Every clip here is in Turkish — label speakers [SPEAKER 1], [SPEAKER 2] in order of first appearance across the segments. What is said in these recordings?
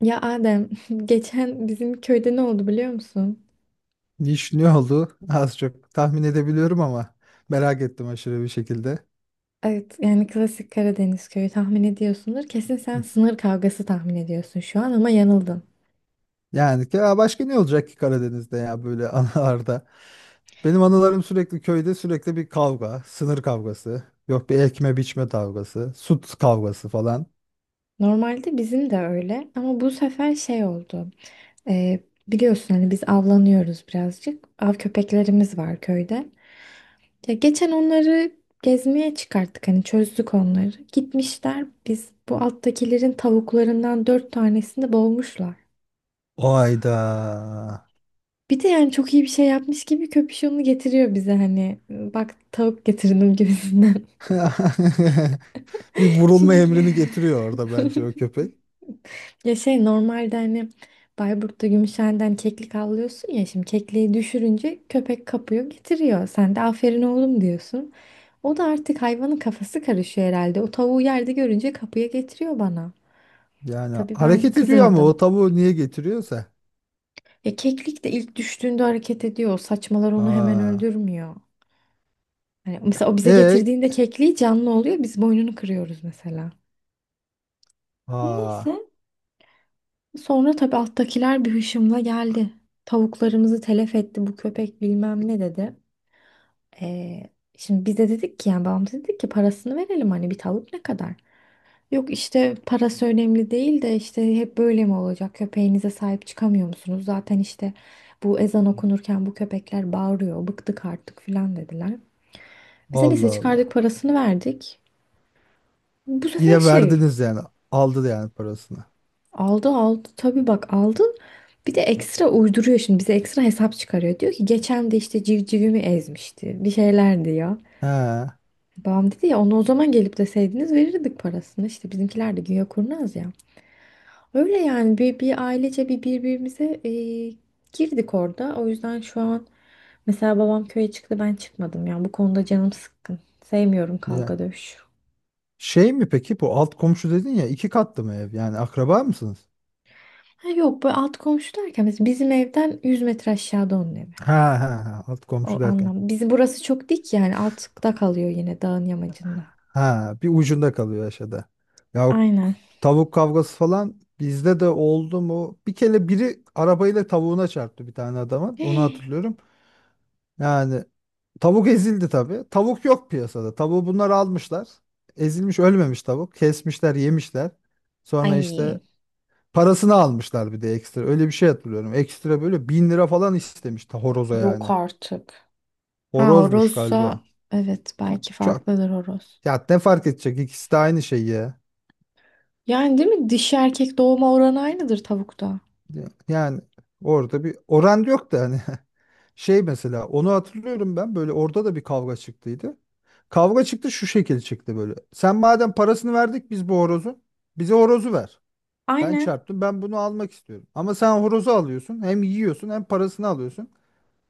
[SPEAKER 1] Ya Adem, geçen bizim köyde ne oldu biliyor musun?
[SPEAKER 2] Niş ne oldu? Az çok tahmin edebiliyorum ama merak ettim aşırı bir şekilde.
[SPEAKER 1] Evet, yani klasik Karadeniz köyü tahmin ediyorsundur. Kesin sen sınır kavgası tahmin ediyorsun şu an ama yanıldın.
[SPEAKER 2] Yani ki ya başka ne olacak ki Karadeniz'de ya böyle anılarda? Benim anılarım sürekli köyde sürekli bir kavga, sınır kavgası, yok bir ekme biçme kavgası, süt kavgası falan.
[SPEAKER 1] Normalde bizim de öyle ama bu sefer şey oldu. Ee, Biliyorsun hani biz avlanıyoruz birazcık. Av köpeklerimiz var köyde. Ya geçen onları gezmeye çıkarttık hani çözdük onları. Gitmişler biz bu alttakilerin tavuklarından dört tanesini boğmuşlar.
[SPEAKER 2] O ayda.
[SPEAKER 1] Bir de yani çok iyi bir şey yapmış gibi köpüşonunu getiriyor bize hani. Bak tavuk getirdim gibisinden.
[SPEAKER 2] Bir vurulma
[SPEAKER 1] Çünkü
[SPEAKER 2] emrini getiriyor orada bence o köpek.
[SPEAKER 1] ya şey normalde hani Bayburt'ta Gümüşhane'den keklik avlıyorsun ya şimdi kekliği düşürünce köpek kapıyor getiriyor. Sen de aferin oğlum diyorsun. O da artık hayvanın kafası karışıyor herhalde. O tavuğu yerde görünce kapıya getiriyor bana.
[SPEAKER 2] Yani
[SPEAKER 1] Tabii ben
[SPEAKER 2] hareket ediyor ama o
[SPEAKER 1] kızmadım.
[SPEAKER 2] tavuğu niye getiriyorsa.
[SPEAKER 1] Ya keklik de ilk düştüğünde hareket ediyor. O saçmalar onu hemen
[SPEAKER 2] Aa.
[SPEAKER 1] öldürmüyor. Hani mesela o bize
[SPEAKER 2] E,
[SPEAKER 1] getirdiğinde kekliği canlı oluyor. Biz boynunu kırıyoruz mesela.
[SPEAKER 2] aa.
[SPEAKER 1] Neyse. Sonra tabii alttakiler bir hışımla geldi. Tavuklarımızı telef etti bu köpek bilmem ne dedi. Ee, Şimdi biz de dedik ki yani babam dedi ki parasını verelim hani bir tavuk ne kadar? Yok işte parası önemli değil de işte hep böyle mi olacak? Köpeğinize sahip çıkamıyor musunuz? Zaten işte bu ezan okunurken bu köpekler bağırıyor. Bıktık artık filan dediler. Bize neyse
[SPEAKER 2] Allah Allah.
[SPEAKER 1] çıkardık parasını verdik. Bu sefer
[SPEAKER 2] Yine
[SPEAKER 1] şey
[SPEAKER 2] verdiniz yani. Aldı yani parasını.
[SPEAKER 1] aldı aldı tabii bak aldın. Bir de ekstra uyduruyor şimdi bize ekstra hesap çıkarıyor. Diyor ki geçen de işte civcivimi ezmişti. Bir şeyler diyor.
[SPEAKER 2] He.
[SPEAKER 1] Babam dedi ya onu o zaman gelip deseydiniz verirdik parasını. İşte bizimkiler de güya kurnaz ya. Öyle yani bir ailece bir birbirimize girdik orada. O yüzden şu an mesela babam köye çıktı ben çıkmadım. Yani bu konuda canım sıkkın. Sevmiyorum kavga
[SPEAKER 2] Ya.
[SPEAKER 1] dövüş.
[SPEAKER 2] Şey mi peki bu alt komşu dedin ya, iki katlı mı ev? Yani akraba mısınız?
[SPEAKER 1] Ha yok bu alt komşu derken mesela bizim evden 100 metre aşağıda onun evi.
[SPEAKER 2] Ha, ha, ha, alt
[SPEAKER 1] O
[SPEAKER 2] komşu derken.
[SPEAKER 1] anlam. Bizi burası çok dik yani altta kalıyor yine dağın yamacında.
[SPEAKER 2] Ha, bir ucunda kalıyor aşağıda. Ya
[SPEAKER 1] Aynen.
[SPEAKER 2] tavuk kavgası falan bizde de oldu mu? Bir kere biri arabayla tavuğuna çarptı bir tane adamın. Onu hatırlıyorum. Yani tavuk ezildi tabii. Tavuk yok piyasada. Tavuğu bunlar almışlar. Ezilmiş, ölmemiş tavuk. Kesmişler, yemişler. Sonra
[SPEAKER 1] Ay
[SPEAKER 2] işte parasını almışlar bir de ekstra. Öyle bir şey hatırlıyorum. Ekstra böyle 1.000 lira falan istemiş ta horoza
[SPEAKER 1] yok
[SPEAKER 2] yani.
[SPEAKER 1] artık. Ha
[SPEAKER 2] Horozmuş galiba.
[SPEAKER 1] horozsa evet belki
[SPEAKER 2] Çok.
[SPEAKER 1] farklıdır horoz.
[SPEAKER 2] Ya ne fark edecek? İkisi de aynı şey ya.
[SPEAKER 1] Yani değil mi? Dişi erkek doğma oranı aynıdır tavukta.
[SPEAKER 2] Yani orada bir oran yok da hani şey mesela onu hatırlıyorum ben, böyle orada da bir kavga çıktıydı. Kavga çıktı, şu şekil çıktı böyle. Sen madem parasını verdik biz bu horozun, bize horozu ver. Ben
[SPEAKER 1] Aynen.
[SPEAKER 2] çarptım, ben bunu almak istiyorum. Ama sen horozu alıyorsun, hem yiyorsun hem parasını alıyorsun.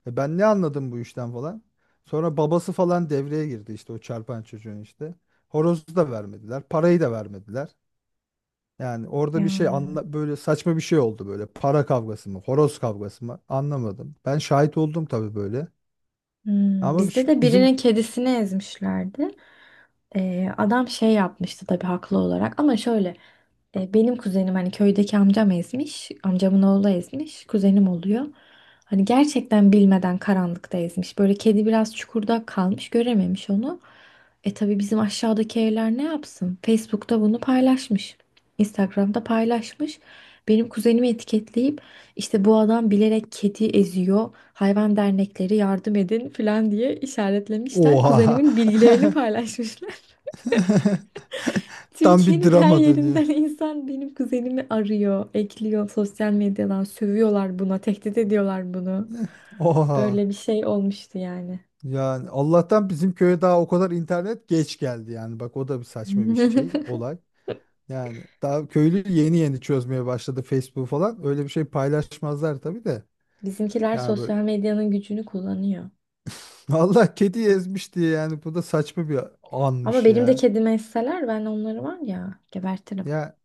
[SPEAKER 2] E ben ne anladım bu işten falan. Sonra babası falan devreye girdi işte, o çarpan çocuğun işte. Horozu da vermediler, parayı da vermediler. Yani orada bir şey
[SPEAKER 1] Ya.
[SPEAKER 2] anla, böyle saçma bir şey oldu böyle. Para kavgası mı, horoz kavgası mı anlamadım. Ben şahit oldum tabii böyle.
[SPEAKER 1] Hmm,
[SPEAKER 2] Ama
[SPEAKER 1] bizde de birinin
[SPEAKER 2] bizim.
[SPEAKER 1] kedisini ezmişlerdi. Adam şey yapmıştı tabii haklı olarak ama şöyle benim kuzenim hani köydeki amcam ezmiş. Amcamın oğlu ezmiş. Kuzenim oluyor. Hani gerçekten bilmeden karanlıkta ezmiş. Böyle kedi biraz çukurda kalmış görememiş onu. E tabii bizim aşağıdaki evler ne yapsın? Facebook'ta bunu paylaşmış. Instagram'da paylaşmış. Benim kuzenimi etiketleyip işte bu adam bilerek kedi eziyor. Hayvan dernekleri yardım edin falan diye işaretlemişler.
[SPEAKER 2] Oha.
[SPEAKER 1] Kuzenimin bilgilerini paylaşmışlar.
[SPEAKER 2] Tam bir
[SPEAKER 1] Türkiye'nin her
[SPEAKER 2] drama dönüyor.
[SPEAKER 1] yerinden insan benim kuzenimi arıyor, ekliyor sosyal medyadan. Sövüyorlar buna, tehdit ediyorlar bunu.
[SPEAKER 2] Oha.
[SPEAKER 1] Böyle bir şey olmuştu yani.
[SPEAKER 2] Yani Allah'tan bizim köye daha o kadar internet geç geldi yani. Bak o da bir saçma bir şey olay. Yani daha köylü yeni yeni çözmeye başladı Facebook falan. Öyle bir şey paylaşmazlar tabii de.
[SPEAKER 1] Bizimkiler
[SPEAKER 2] Yani
[SPEAKER 1] sosyal medyanın gücünü kullanıyor.
[SPEAKER 2] vallahi kedi ezmiş diye, yani bu da saçma bir
[SPEAKER 1] Ama
[SPEAKER 2] anmış
[SPEAKER 1] benim de
[SPEAKER 2] ya.
[SPEAKER 1] kedime esseler ben onları var ya gebertirim.
[SPEAKER 2] Ya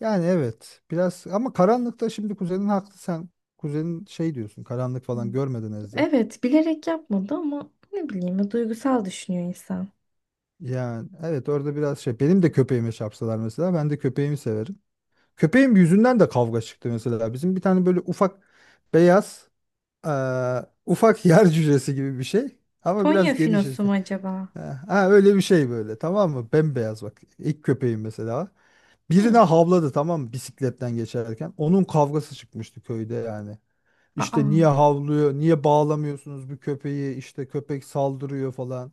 [SPEAKER 2] yani evet, biraz ama karanlıkta, şimdi kuzenin haklı, sen kuzenin şey diyorsun, karanlık falan
[SPEAKER 1] Hmm.
[SPEAKER 2] görmeden ezdi.
[SPEAKER 1] Evet bilerek yapmadı ama ne bileyim duygusal düşünüyor insan.
[SPEAKER 2] Yani evet orada biraz şey, benim de köpeğime çarpsalar mesela, ben de köpeğimi severim. Köpeğim yüzünden de kavga çıktı mesela, bizim bir tane böyle ufak beyaz ufak yer cücesi gibi bir şey, ama
[SPEAKER 1] Tonya
[SPEAKER 2] biraz geniş
[SPEAKER 1] finosu
[SPEAKER 2] işte.
[SPEAKER 1] mu acaba?
[SPEAKER 2] Ha, ha, öyle bir şey böyle, tamam mı? Bembeyaz, bak, ilk köpeğim mesela. Birine
[SPEAKER 1] Hı.
[SPEAKER 2] havladı, tamam mı, bisikletten geçerken. Onun kavgası çıkmıştı köyde yani. İşte niye
[SPEAKER 1] Aa,
[SPEAKER 2] havlıyor, niye bağlamıyorsunuz bu köpeği, işte köpek saldırıyor falan.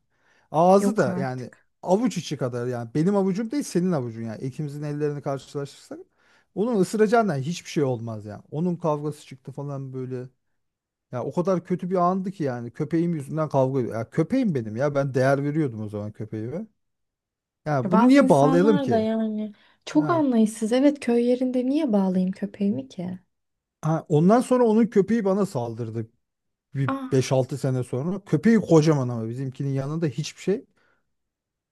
[SPEAKER 2] Ağzı
[SPEAKER 1] yok
[SPEAKER 2] da yani
[SPEAKER 1] artık.
[SPEAKER 2] avuç içi kadar yani, benim avucum değil, senin avucun yani. İkimizin ellerini karşılaştırsak, onun ısıracağından hiçbir şey olmaz yani. Onun kavgası çıktı falan böyle. Ya o kadar kötü bir andı ki yani, köpeğim yüzünden kavga ediyor. Ya köpeğim benim ya, ben değer veriyordum o zaman köpeğime.
[SPEAKER 1] Ya
[SPEAKER 2] Ya bunu
[SPEAKER 1] bazı
[SPEAKER 2] niye bağlayalım
[SPEAKER 1] insanlar da
[SPEAKER 2] ki?
[SPEAKER 1] yani çok
[SPEAKER 2] Ha,
[SPEAKER 1] anlayışsız. Evet köy yerinde niye bağlayayım köpeğimi ki?
[SPEAKER 2] ha, ondan sonra onun köpeği bana saldırdı. Bir beş
[SPEAKER 1] Aa.
[SPEAKER 2] altı sene sonra. Köpeği kocaman ama bizimkinin yanında hiçbir şey.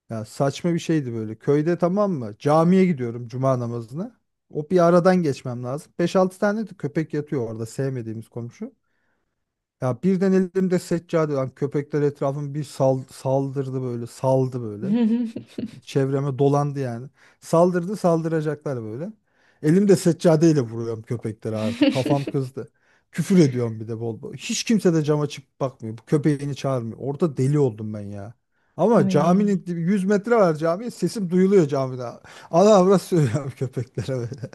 [SPEAKER 2] Ya saçma bir şeydi böyle. Köyde, tamam mı? Camiye gidiyorum cuma namazına. O bir aradan geçmem lazım. Beş altı tane de köpek yatıyor orada, sevmediğimiz komşu. Ya birden elimde seccade lan, köpekler etrafımı bir saldırdı böyle, saldı böyle. Çevreme dolandı yani. Saldırdı, saldıracaklar böyle. Elimde seccadeyle vuruyorum köpeklere artık. Kafam kızdı. Küfür ediyorum bir de bol bol. Hiç kimse de cama çıkıp bakmıyor. Bu köpeğini çağırmıyor. Orada deli oldum ben ya. Ama
[SPEAKER 1] Ay
[SPEAKER 2] caminin dibi 100 metre var cami. Sesim duyuluyor camide. Allah avrat söylüyorum köpeklere böyle.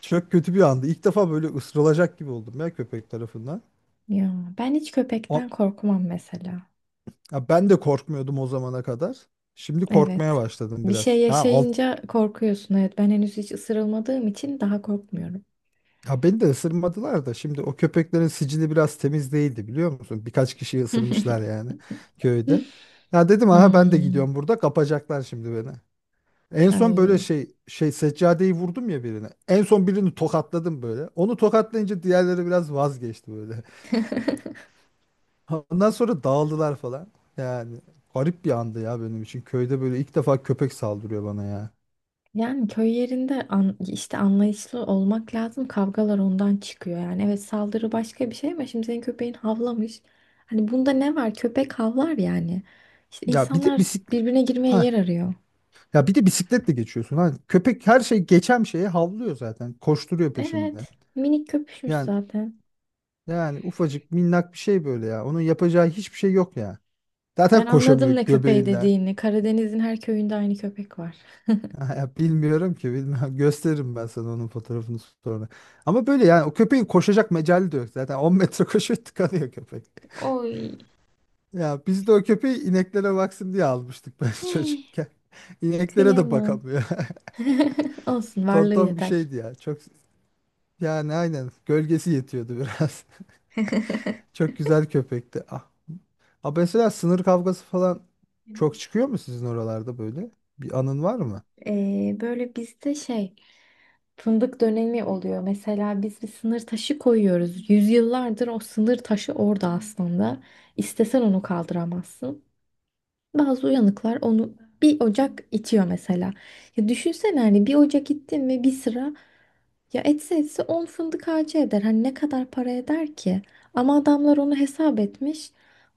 [SPEAKER 2] Çok kötü bir andı. İlk defa böyle ısırılacak gibi oldum ya köpek tarafından.
[SPEAKER 1] ya ben hiç köpekten
[SPEAKER 2] O-
[SPEAKER 1] korkmam mesela.
[SPEAKER 2] ya ben de korkmuyordum o zamana kadar. Şimdi korkmaya
[SPEAKER 1] Evet.
[SPEAKER 2] başladım
[SPEAKER 1] Bir
[SPEAKER 2] biraz.
[SPEAKER 1] şey
[SPEAKER 2] Ya
[SPEAKER 1] yaşayınca korkuyorsun. Evet ben henüz hiç ısırılmadığım için daha korkmuyorum.
[SPEAKER 2] Ya beni de ısırmadılar da, şimdi o köpeklerin sicili biraz temiz değildi, biliyor musun? Birkaç kişiyi ısırmışlar yani köyde. Ya dedim aha, ben de
[SPEAKER 1] Hmm.
[SPEAKER 2] gidiyorum burada, kapacaklar şimdi beni. En son böyle
[SPEAKER 1] Ay.
[SPEAKER 2] şey seccadeyi vurdum ya birine. En son birini tokatladım böyle. Onu tokatlayınca diğerleri biraz vazgeçti böyle. Ondan sonra dağıldılar falan. Yani garip bir andı ya benim için. Köyde böyle ilk defa köpek saldırıyor bana ya.
[SPEAKER 1] Yani köy yerinde an- işte anlayışlı olmak lazım. Kavgalar ondan çıkıyor yani. Evet saldırı başka bir şey ama şimdi senin köpeğin havlamış. Hani bunda ne var? Köpek havlar yani. İşte
[SPEAKER 2] Ya bir de
[SPEAKER 1] insanlar
[SPEAKER 2] bisiklet
[SPEAKER 1] birbirine girmeye yer arıyor.
[SPEAKER 2] Ya bir de bisikletle geçiyorsun. Hani köpek her şey, geçen şeye havlıyor zaten. Koşturuyor peşinden.
[SPEAKER 1] Evet. Minik köpüşmüş
[SPEAKER 2] Yani
[SPEAKER 1] zaten.
[SPEAKER 2] yani ufacık minnak bir şey böyle ya. Onun yapacağı hiçbir şey yok ya.
[SPEAKER 1] Ben
[SPEAKER 2] Zaten koşamıyor
[SPEAKER 1] anladım ne köpeği
[SPEAKER 2] göbeğinden.
[SPEAKER 1] dediğini. Karadeniz'in her köyünde aynı köpek var.
[SPEAKER 2] Ya bilmiyorum ki, bilmem. Gösteririm ben sana onun fotoğrafını sonra. Ama böyle yani o köpeğin koşacak mecali de yok. Zaten 10 metre koşuyor, tıkanıyor köpek.
[SPEAKER 1] Oy.
[SPEAKER 2] Ya biz de o köpeği ineklere baksın diye almıştık ben
[SPEAKER 1] Eh.
[SPEAKER 2] çocukken. İneklere de
[SPEAKER 1] Kıyamam.
[SPEAKER 2] bakamıyor.
[SPEAKER 1] Olsun varlığı
[SPEAKER 2] Tonton bir
[SPEAKER 1] yeter.
[SPEAKER 2] şeydi ya. Çok, yani aynen gölgesi yetiyordu biraz. Çok güzel köpekti. Ah. Ha, mesela sınır kavgası falan çok çıkıyor mu sizin oralarda böyle? Bir anın var mı?
[SPEAKER 1] Böyle bizde şey fındık dönemi oluyor. Mesela biz bir sınır taşı koyuyoruz. Yüzyıllardır o sınır taşı orada aslında. İstesen onu kaldıramazsın. Bazı uyanıklar onu bir ocak itiyor mesela. Ya düşünsene hani bir ocak ittin ve bir sıra ya etse etse 10 fındık ağacı eder. Hani ne kadar para eder ki? Ama adamlar onu hesap etmiş.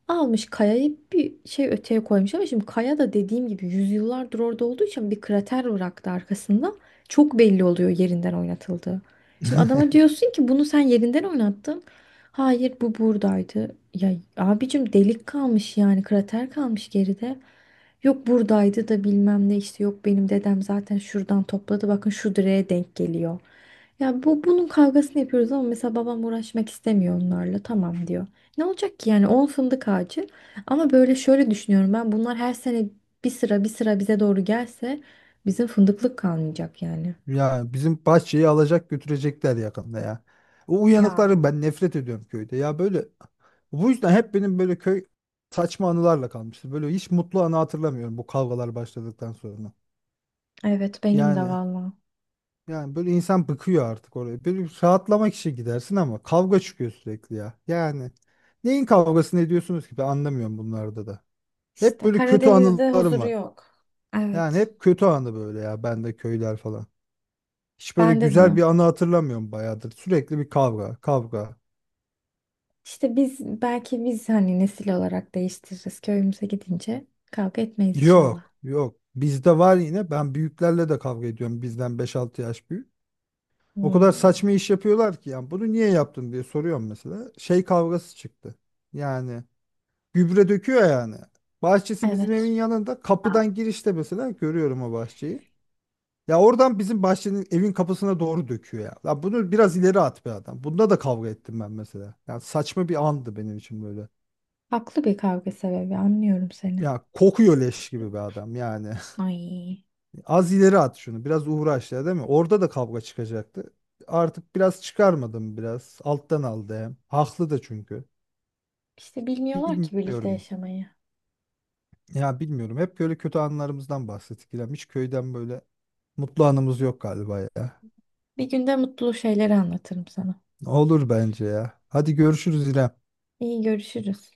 [SPEAKER 1] Almış kayayı bir şey öteye koymuş ama şimdi kaya da dediğim gibi yüzyıllardır orada olduğu için bir krater bıraktı arkasında. Çok belli oluyor yerinden oynatıldığı. Şimdi adama diyorsun ki bunu sen yerinden oynattın. Hayır bu buradaydı. Ya abicim delik kalmış yani krater kalmış geride. Yok buradaydı da bilmem ne işte yok benim dedem zaten şuradan topladı bakın şu direğe denk geliyor. Ya bu bunun kavgasını yapıyoruz ama mesela babam uğraşmak istemiyor onlarla tamam diyor. Ne olacak ki yani 10 fındık ağacı ama böyle şöyle düşünüyorum ben bunlar her sene bir sıra bir sıra bize doğru gelse bizim fındıklık kalmayacak yani.
[SPEAKER 2] Ya bizim bahçeyi alacak götürecekler yakında ya. O
[SPEAKER 1] Ya
[SPEAKER 2] uyanıkları ben nefret ediyorum köyde. Ya böyle bu yüzden hep benim böyle saçma anılarla kalmıştır. Böyle hiç mutlu anı hatırlamıyorum bu kavgalar başladıktan sonra.
[SPEAKER 1] evet benim de
[SPEAKER 2] Yani
[SPEAKER 1] valla.
[SPEAKER 2] yani böyle insan bıkıyor artık oraya. Böyle bir rahatlamak için gidersin ama kavga çıkıyor sürekli ya. Yani neyin kavgasını ediyorsunuz ki? Ben anlamıyorum bunlarda da. Hep
[SPEAKER 1] İşte
[SPEAKER 2] böyle kötü
[SPEAKER 1] Karadeniz'de
[SPEAKER 2] anılarım
[SPEAKER 1] huzuru
[SPEAKER 2] var.
[SPEAKER 1] yok.
[SPEAKER 2] Yani
[SPEAKER 1] Evet.
[SPEAKER 2] hep kötü anı böyle ya, ben de köyler falan. Hiç böyle
[SPEAKER 1] Bende
[SPEAKER 2] güzel
[SPEAKER 1] de.
[SPEAKER 2] bir anı hatırlamıyorum bayağıdır. Sürekli bir kavga, kavga.
[SPEAKER 1] İşte biz belki biz hani nesil olarak değiştiririz. Köyümüze gidince kavga etmeyiz inşallah.
[SPEAKER 2] Yok, yok. Bizde var yine. Ben büyüklerle de kavga ediyorum. Bizden beş altı yaş büyük. O kadar
[SPEAKER 1] Hmm.
[SPEAKER 2] saçma iş yapıyorlar ki yani, bunu niye yaptın diye soruyorum mesela. Şey kavgası çıktı. Yani gübre döküyor yani. Bahçesi bizim
[SPEAKER 1] Evet.
[SPEAKER 2] evin yanında. Kapıdan girişte mesela görüyorum o bahçeyi. Ya oradan bizim bahçenin, evin kapısına doğru döküyor ya. Ya bunu biraz ileri at be adam. Bunda da kavga ettim ben mesela. Ya saçma bir andı benim için böyle.
[SPEAKER 1] Haklı bir kavga sebebi anlıyorum seni.
[SPEAKER 2] Ya kokuyor leş gibi be adam yani.
[SPEAKER 1] Ay.
[SPEAKER 2] Az ileri at şunu. Biraz uğraş ya, değil mi? Orada da kavga çıkacaktı. Artık biraz çıkarmadım biraz. Alttan aldı hem. Haklı da çünkü.
[SPEAKER 1] İşte bilmiyorlar ki birlikte
[SPEAKER 2] Bilmiyorum.
[SPEAKER 1] yaşamayı.
[SPEAKER 2] Ya bilmiyorum. Hep böyle kötü anılarımızdan bahsettik İrem. Hiç köyden böyle mutlu anımız yok galiba ya.
[SPEAKER 1] Bir günde mutlu şeyleri anlatırım sana.
[SPEAKER 2] Olur bence ya. Hadi görüşürüz İrem.
[SPEAKER 1] İyi görüşürüz.